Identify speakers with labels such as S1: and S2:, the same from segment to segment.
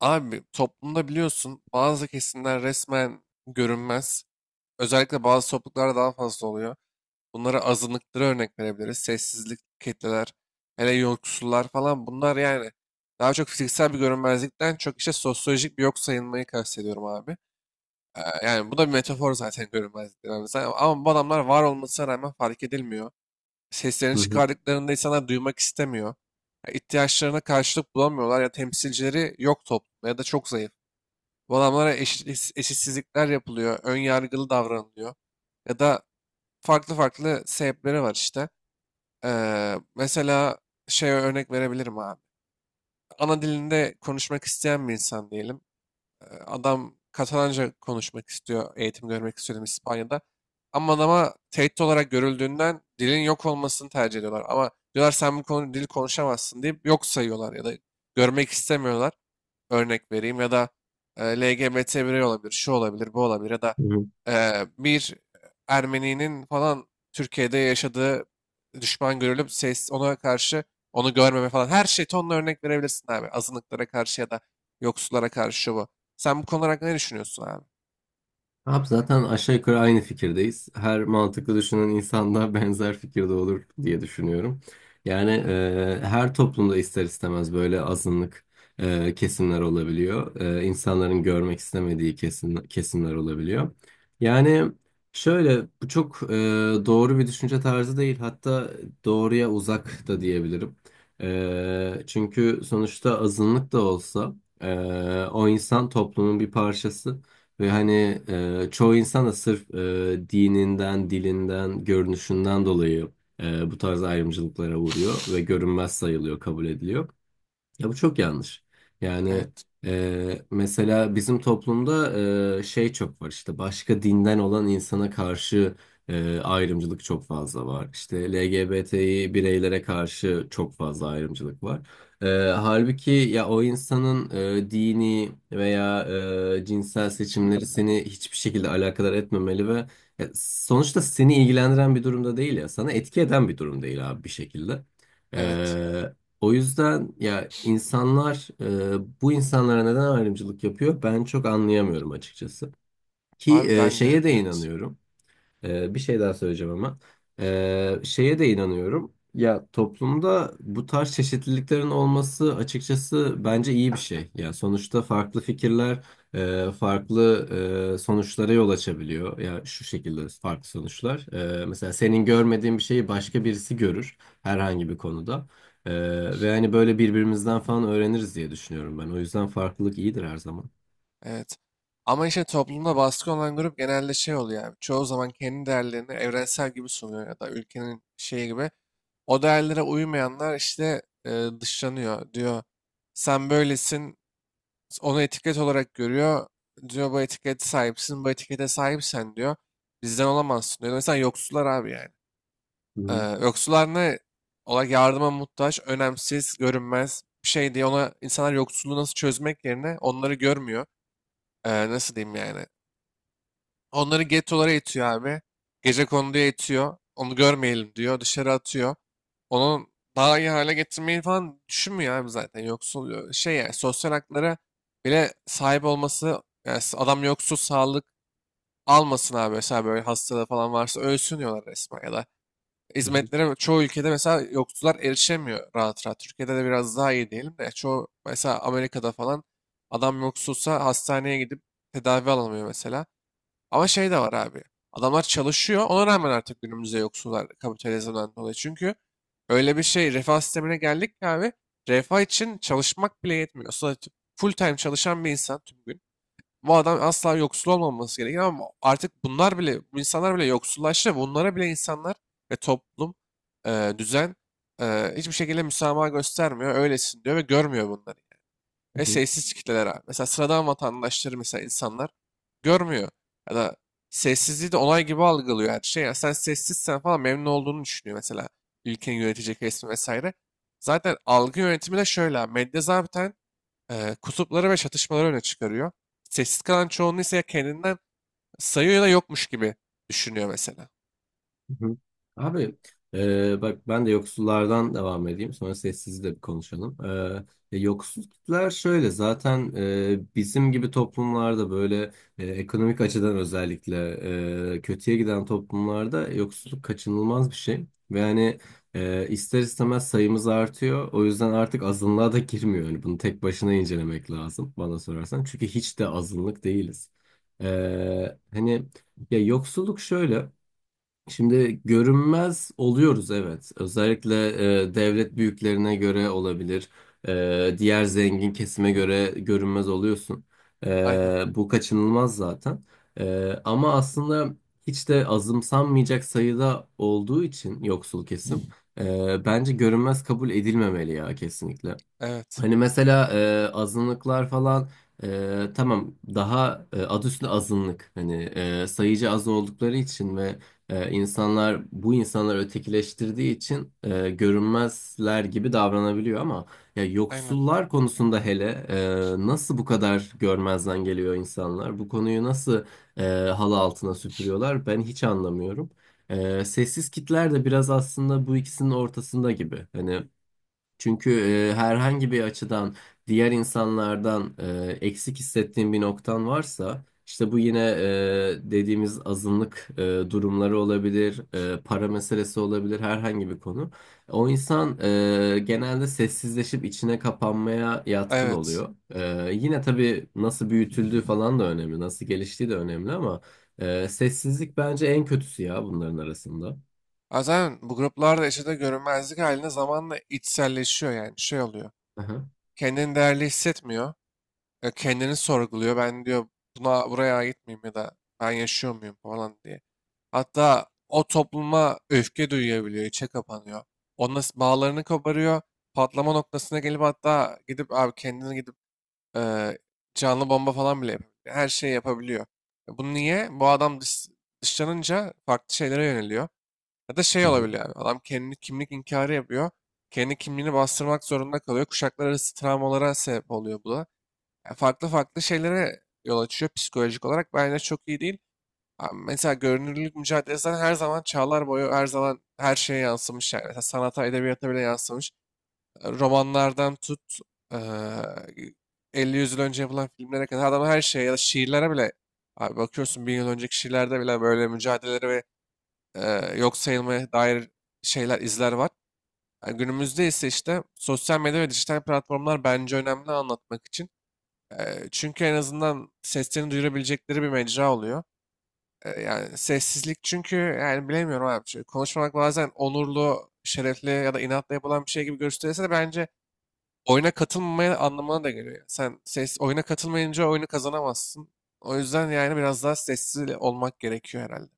S1: Abi toplumda biliyorsun bazı kesimler resmen görünmez. Özellikle bazı topluluklarda daha fazla oluyor. Bunlara azınlıklara örnek verebiliriz. Sessizlik kitleler, hele yoksullar falan bunlar yani daha çok fiziksel bir görünmezlikten çok işte sosyolojik bir yok sayılmayı kastediyorum abi. Yani bu da bir metafor zaten görünmezlik dediğimiz. Ama bu adamlar var olmasına rağmen fark edilmiyor. Seslerini
S2: Hı hı,
S1: çıkardıklarında insanlar duymak istemiyor. Ya ihtiyaçlarına karşılık bulamıyorlar ya temsilcileri yok toplumda ya da çok zayıf. Bu adamlara eşit, eşitsizlikler yapılıyor, ön yargılı davranılıyor. Ya da farklı farklı sebepleri var işte. Mesela şey örnek verebilirim abi. Ana dilinde konuşmak isteyen bir insan diyelim. Adam Katalanca konuşmak istiyor, eğitim görmek istiyor İspanya'da. Ama adama tehdit olarak görüldüğünden dilin yok olmasını tercih ediyorlar. Ama diyorlar sen bu konu dil konuşamazsın deyip yok sayıyorlar ya da görmek istemiyorlar örnek vereyim ya da LGBT birey olabilir, şu olabilir, bu olabilir ya da
S2: hı hı.
S1: bir Ermeni'nin falan Türkiye'de yaşadığı düşman görülüp ses ona karşı onu görmeme falan her şey tonla örnek verebilirsin abi. Azınlıklara karşı ya da yoksullara karşı şu bu. Sen bu konular hakkında ne düşünüyorsun abi?
S2: Abi, zaten aşağı yukarı aynı fikirdeyiz. Her mantıklı düşünen insan da benzer fikirde olur diye düşünüyorum. Yani, her toplumda ister istemez böyle kesimler olabiliyor. İnsanların görmek istemediği kesimler olabiliyor. Yani şöyle, bu çok doğru bir düşünce tarzı değil. Hatta doğruya uzak da diyebilirim. Çünkü sonuçta azınlık da olsa, e, o insan toplumun bir parçası. Ve hani, çoğu insan da sırf dininden, dilinden, görünüşünden dolayı bu tarz ayrımcılıklara uğruyor ve görünmez sayılıyor, kabul ediliyor. Ya bu çok yanlış. Yani
S1: Evet,
S2: e, mesela bizim toplumda, şey, çok var işte başka dinden olan insana karşı ayrımcılık çok fazla var. İşte LGBT'yi bireylere karşı çok fazla ayrımcılık var. Halbuki ya, o insanın dini veya cinsel seçimleri seni hiçbir şekilde alakadar etmemeli ve ya, sonuçta seni ilgilendiren bir durumda değil, ya sana etki eden bir durum değil abi bir şekilde.
S1: evet.
S2: O yüzden ya, insanlar bu insanlara neden ayrımcılık yapıyor ben çok anlayamıyorum açıkçası. Ki
S1: Abi
S2: e,
S1: ben de
S2: şeye de
S1: evet.
S2: inanıyorum. Bir şey daha söyleyeceğim ama. Şeye de inanıyorum. Ya toplumda bu tarz çeşitliliklerin olması açıkçası bence iyi bir şey. Ya sonuçta farklı fikirler, farklı sonuçlara yol açabiliyor. Ya şu şekilde farklı sonuçlar. Mesela senin görmediğin bir şeyi başka birisi görür herhangi bir konuda. Ve hani böyle birbirimizden falan öğreniriz diye düşünüyorum ben. O yüzden farklılık iyidir her zaman.
S1: Evet. Ama işte toplumda baskı olan grup genelde şey oluyor abi. Çoğu zaman kendi değerlerini evrensel gibi sunuyor ya da ülkenin şeyi gibi. O değerlere uymayanlar işte dışlanıyor. Diyor sen böylesin onu etiket olarak görüyor. Diyor bu etikete sahipsin bu etikete sahipsen diyor. Bizden olamazsın diyor. Mesela yoksullar abi yani.
S2: Hı
S1: Ee,
S2: hı,
S1: Yoksullar ne? Ola yardıma muhtaç, önemsiz, görünmez bir şey diye ona insanlar yoksulluğu nasıl çözmek yerine onları görmüyor. Nasıl diyeyim yani? Onları gettolara itiyor abi. Gecekonduya itiyor. Onu görmeyelim diyor. Dışarı atıyor. Onu daha iyi hale getirmeyi falan düşünmüyor abi zaten. Yoksul şey yani sosyal haklara bile sahip olması yani adam yoksul sağlık almasın abi. Mesela böyle hastalığı falan varsa ölsün diyorlar resmen ya da
S2: hı hı,
S1: hizmetlere çoğu ülkede mesela yoksullar erişemiyor rahat rahat. Türkiye'de de biraz daha iyi diyelim de çoğu mesela Amerika'da falan adam yoksulsa hastaneye gidip tedavi alamıyor mesela. Ama şey de var abi. Adamlar çalışıyor. Ona rağmen artık günümüzde yoksullar kapitalizmden dolayı. Çünkü öyle bir şey refah sistemine geldik ki abi. Refah için çalışmak bile yetmiyor. Sadece full time çalışan bir insan tüm gün. Bu adam asla yoksul olmaması gerekiyor ama artık bunlar bile, bu insanlar bile yoksullaştı. Bunlara bile insanlar ve toplum, düzen hiçbir şekilde müsamaha göstermiyor. Öylesin diyor ve görmüyor bunları.
S2: hı
S1: Ve
S2: hı.
S1: sessiz kitleler abi. Mesela sıradan vatandaşları mesela insanlar görmüyor. Ya da sessizliği de olay gibi algılıyor her şey. Ya sen sessizsen falan memnun olduğunu düşünüyor mesela. Ülkenin yönetecek resmi vesaire. Zaten algı yönetimi de şöyle abi. Medya zaten kutupları ve çatışmaları öne çıkarıyor. Sessiz kalan çoğunluğu ise ya kendinden sayıyor ya da yokmuş gibi düşünüyor mesela.
S2: Hı hı. Abi, bak ben de yoksullardan devam edeyim, sonra sessizi de bir konuşalım. Yoksul kitler şöyle, zaten bizim gibi toplumlarda, böyle ekonomik açıdan özellikle kötüye giden toplumlarda yoksulluk kaçınılmaz bir şey. Ve hani, ister istemez sayımız artıyor, o yüzden artık azınlığa da girmiyor. Yani bunu tek başına incelemek lazım bana sorarsan, çünkü hiç de azınlık değiliz. E, Hani... Ya, yoksulluk şöyle. Şimdi görünmez oluyoruz, evet. Özellikle devlet büyüklerine göre olabilir. Diğer zengin kesime göre görünmez oluyorsun.
S1: Aynen.
S2: Bu kaçınılmaz zaten. Ama aslında hiç de azımsanmayacak sayıda olduğu için yoksul kesim, bence görünmez kabul edilmemeli ya, kesinlikle.
S1: Evet.
S2: Hani mesela, azınlıklar falan, tamam, daha, adı üstünde azınlık, hani sayıca az oldukları için ve insanlar bu insanları ötekileştirdiği için görünmezler gibi davranabiliyor ama ya,
S1: Aynen.
S2: yoksullar konusunda hele, nasıl bu kadar görmezden geliyor insanlar? Bu konuyu nasıl e, halı altına süpürüyorlar? Ben hiç anlamıyorum. Sessiz kitler de biraz aslında bu ikisinin ortasında gibi. Hani çünkü, herhangi bir açıdan diğer insanlardan eksik hissettiğin bir noktan varsa, işte bu yine dediğimiz azınlık durumları olabilir, para meselesi olabilir, herhangi bir konu. O insan genelde sessizleşip içine kapanmaya yatkın
S1: Evet.
S2: oluyor. Yine tabii nasıl büyütüldüğü falan da önemli, nasıl geliştiği de önemli ama sessizlik bence en kötüsü ya bunların arasında.
S1: Ha, zaten bu gruplarda yaşadığı görünmezlik haline zamanla içselleşiyor yani şey oluyor.
S2: Aha.
S1: Kendini değerli hissetmiyor. Kendini sorguluyor. Ben diyor buna buraya ait miyim ya da ben yaşıyor muyum falan diye. Hatta o topluma öfke duyabiliyor, içe kapanıyor. Onunla bağlarını koparıyor. Patlama noktasına gelip hatta gidip abi kendini gidip e, canlı bomba falan bile yapabiliyor. Her şeyi yapabiliyor. Bu niye? Bu adam dışlanınca farklı şeylere yöneliyor. Ya da şey olabiliyor abi. Adam kendini kimlik inkarı yapıyor. Kendi kimliğini bastırmak zorunda kalıyor. Kuşaklar arası travmalara sebep oluyor bu da. Yani farklı farklı şeylere yol açıyor psikolojik olarak. Bence çok iyi değil. Abi mesela görünürlük mücadelesi zaten her zaman çağlar boyu her zaman her şeye yansımış. Yani, mesela sanata, edebiyata bile yansımış. Romanlardan tut eee 50 yüz yıl önce yapılan filmlere kadar adam her şeye ya da şiirlere bile abi bakıyorsun 1000 yıl önceki şiirlerde bile böyle mücadeleleri ve yok sayılmaya dair şeyler, izler var. Yani günümüzde ise işte sosyal medya ve dijital platformlar bence önemli anlatmak için. Çünkü en azından seslerini duyurabilecekleri bir mecra oluyor. Yani sessizlik çünkü yani bilemiyorum abi. Çünkü konuşmamak bazen onurlu, şerefli ya da inatla yapılan bir şey gibi gösterilse de bence oyuna katılmamaya anlamına da geliyor. Sen ses oyuna katılmayınca oyunu kazanamazsın. O yüzden yani biraz daha sessiz olmak gerekiyor herhalde.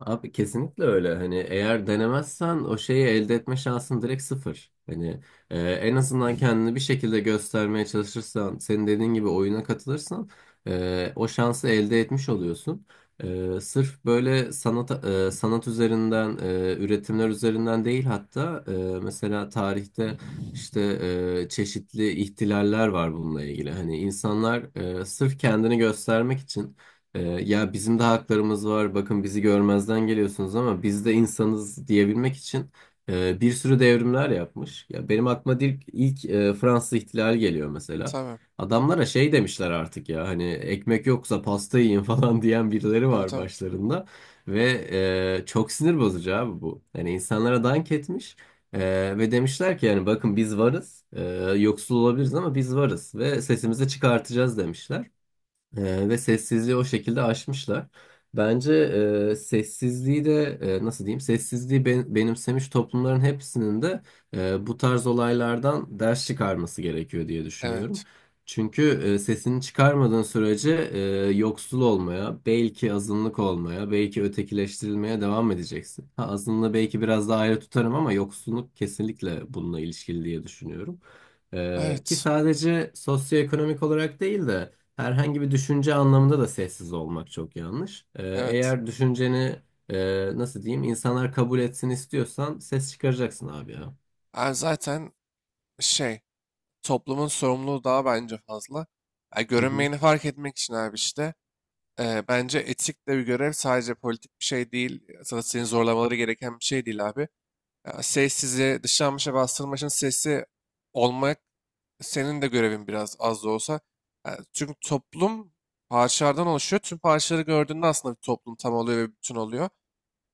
S2: Abi kesinlikle öyle. Hani eğer denemezsen, o şeyi elde etme şansın direkt sıfır. Hani en azından kendini bir şekilde göstermeye çalışırsan, senin dediğin gibi oyuna katılırsan, o şansı elde etmiş oluyorsun. Sırf böyle sanat, sanat üzerinden, üretimler üzerinden değil hatta, mesela tarihte işte çeşitli ihtilaller var bununla ilgili. Hani insanlar sırf kendini göstermek için, ya bizim de haklarımız var. Bakın bizi görmezden geliyorsunuz ama biz de insanız diyebilmek için bir sürü devrimler yapmış. Ya benim aklıma ilk Fransız İhtilali geliyor mesela.
S1: Tabii,
S2: Adamlara şey demişler, artık ya hani ekmek yoksa pasta yiyin falan diyen birileri
S1: tabii
S2: var
S1: tabii.
S2: başlarında ve, çok sinir bozucu abi bu. Yani insanlara dank etmiş e, ve demişler ki yani bakın biz varız. Yoksul olabiliriz ama biz varız ve sesimizi çıkartacağız demişler. Ve sessizliği o şekilde aşmışlar. Bence sessizliği de, nasıl diyeyim, sessizliği benimsemiş toplumların hepsinin de bu tarz olaylardan ders çıkarması gerekiyor diye düşünüyorum.
S1: Evet.
S2: Çünkü sesini çıkarmadığın sürece, yoksul olmaya, belki azınlık olmaya, belki ötekileştirilmeye devam edeceksin. Ha, azınlığı belki biraz daha ayrı tutarım ama yoksulluk kesinlikle bununla ilişkili diye düşünüyorum. Ki
S1: Evet.
S2: sadece sosyoekonomik olarak değil de, herhangi bir düşünce anlamında da sessiz olmak çok yanlış.
S1: Evet.
S2: Eğer düşünceni, nasıl diyeyim, insanlar kabul etsin istiyorsan, ses çıkaracaksın abi ya.
S1: Yani zaten şey toplumun sorumluluğu daha bence fazla. Yani
S2: Hı hı,
S1: görünmeyeni fark etmek için abi işte bence etik de bir görev sadece politik bir şey değil. Zaten seni zorlamaları gereken bir şey değil abi. Ya sessizliğe, dışlanmış ve bastırılmışın sesi olmak senin de görevin biraz az da olsa. Yani çünkü toplum parçalardan oluşuyor. Tüm parçaları gördüğünde aslında bir toplum tam oluyor ve bir bütün oluyor.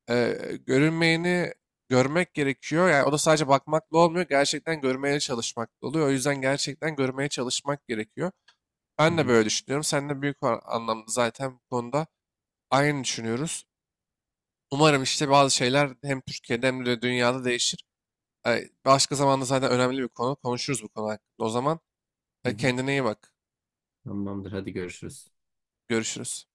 S1: Görünmeyeni görmek gerekiyor. Yani o da sadece bakmakla olmuyor. Gerçekten görmeye çalışmakla oluyor. O yüzden gerçekten görmeye çalışmak gerekiyor.
S2: Hı
S1: Ben de
S2: hı,
S1: böyle düşünüyorum. Sen de büyük anlamda zaten bu konuda aynı düşünüyoruz. Umarım işte bazı şeyler hem Türkiye'de hem de dünyada değişir. Başka zamanda zaten önemli bir konu. Konuşuruz bu konu hakkında. O zaman
S2: hı hı.
S1: kendine iyi bak.
S2: Tamamdır, hadi görüşürüz.
S1: Görüşürüz.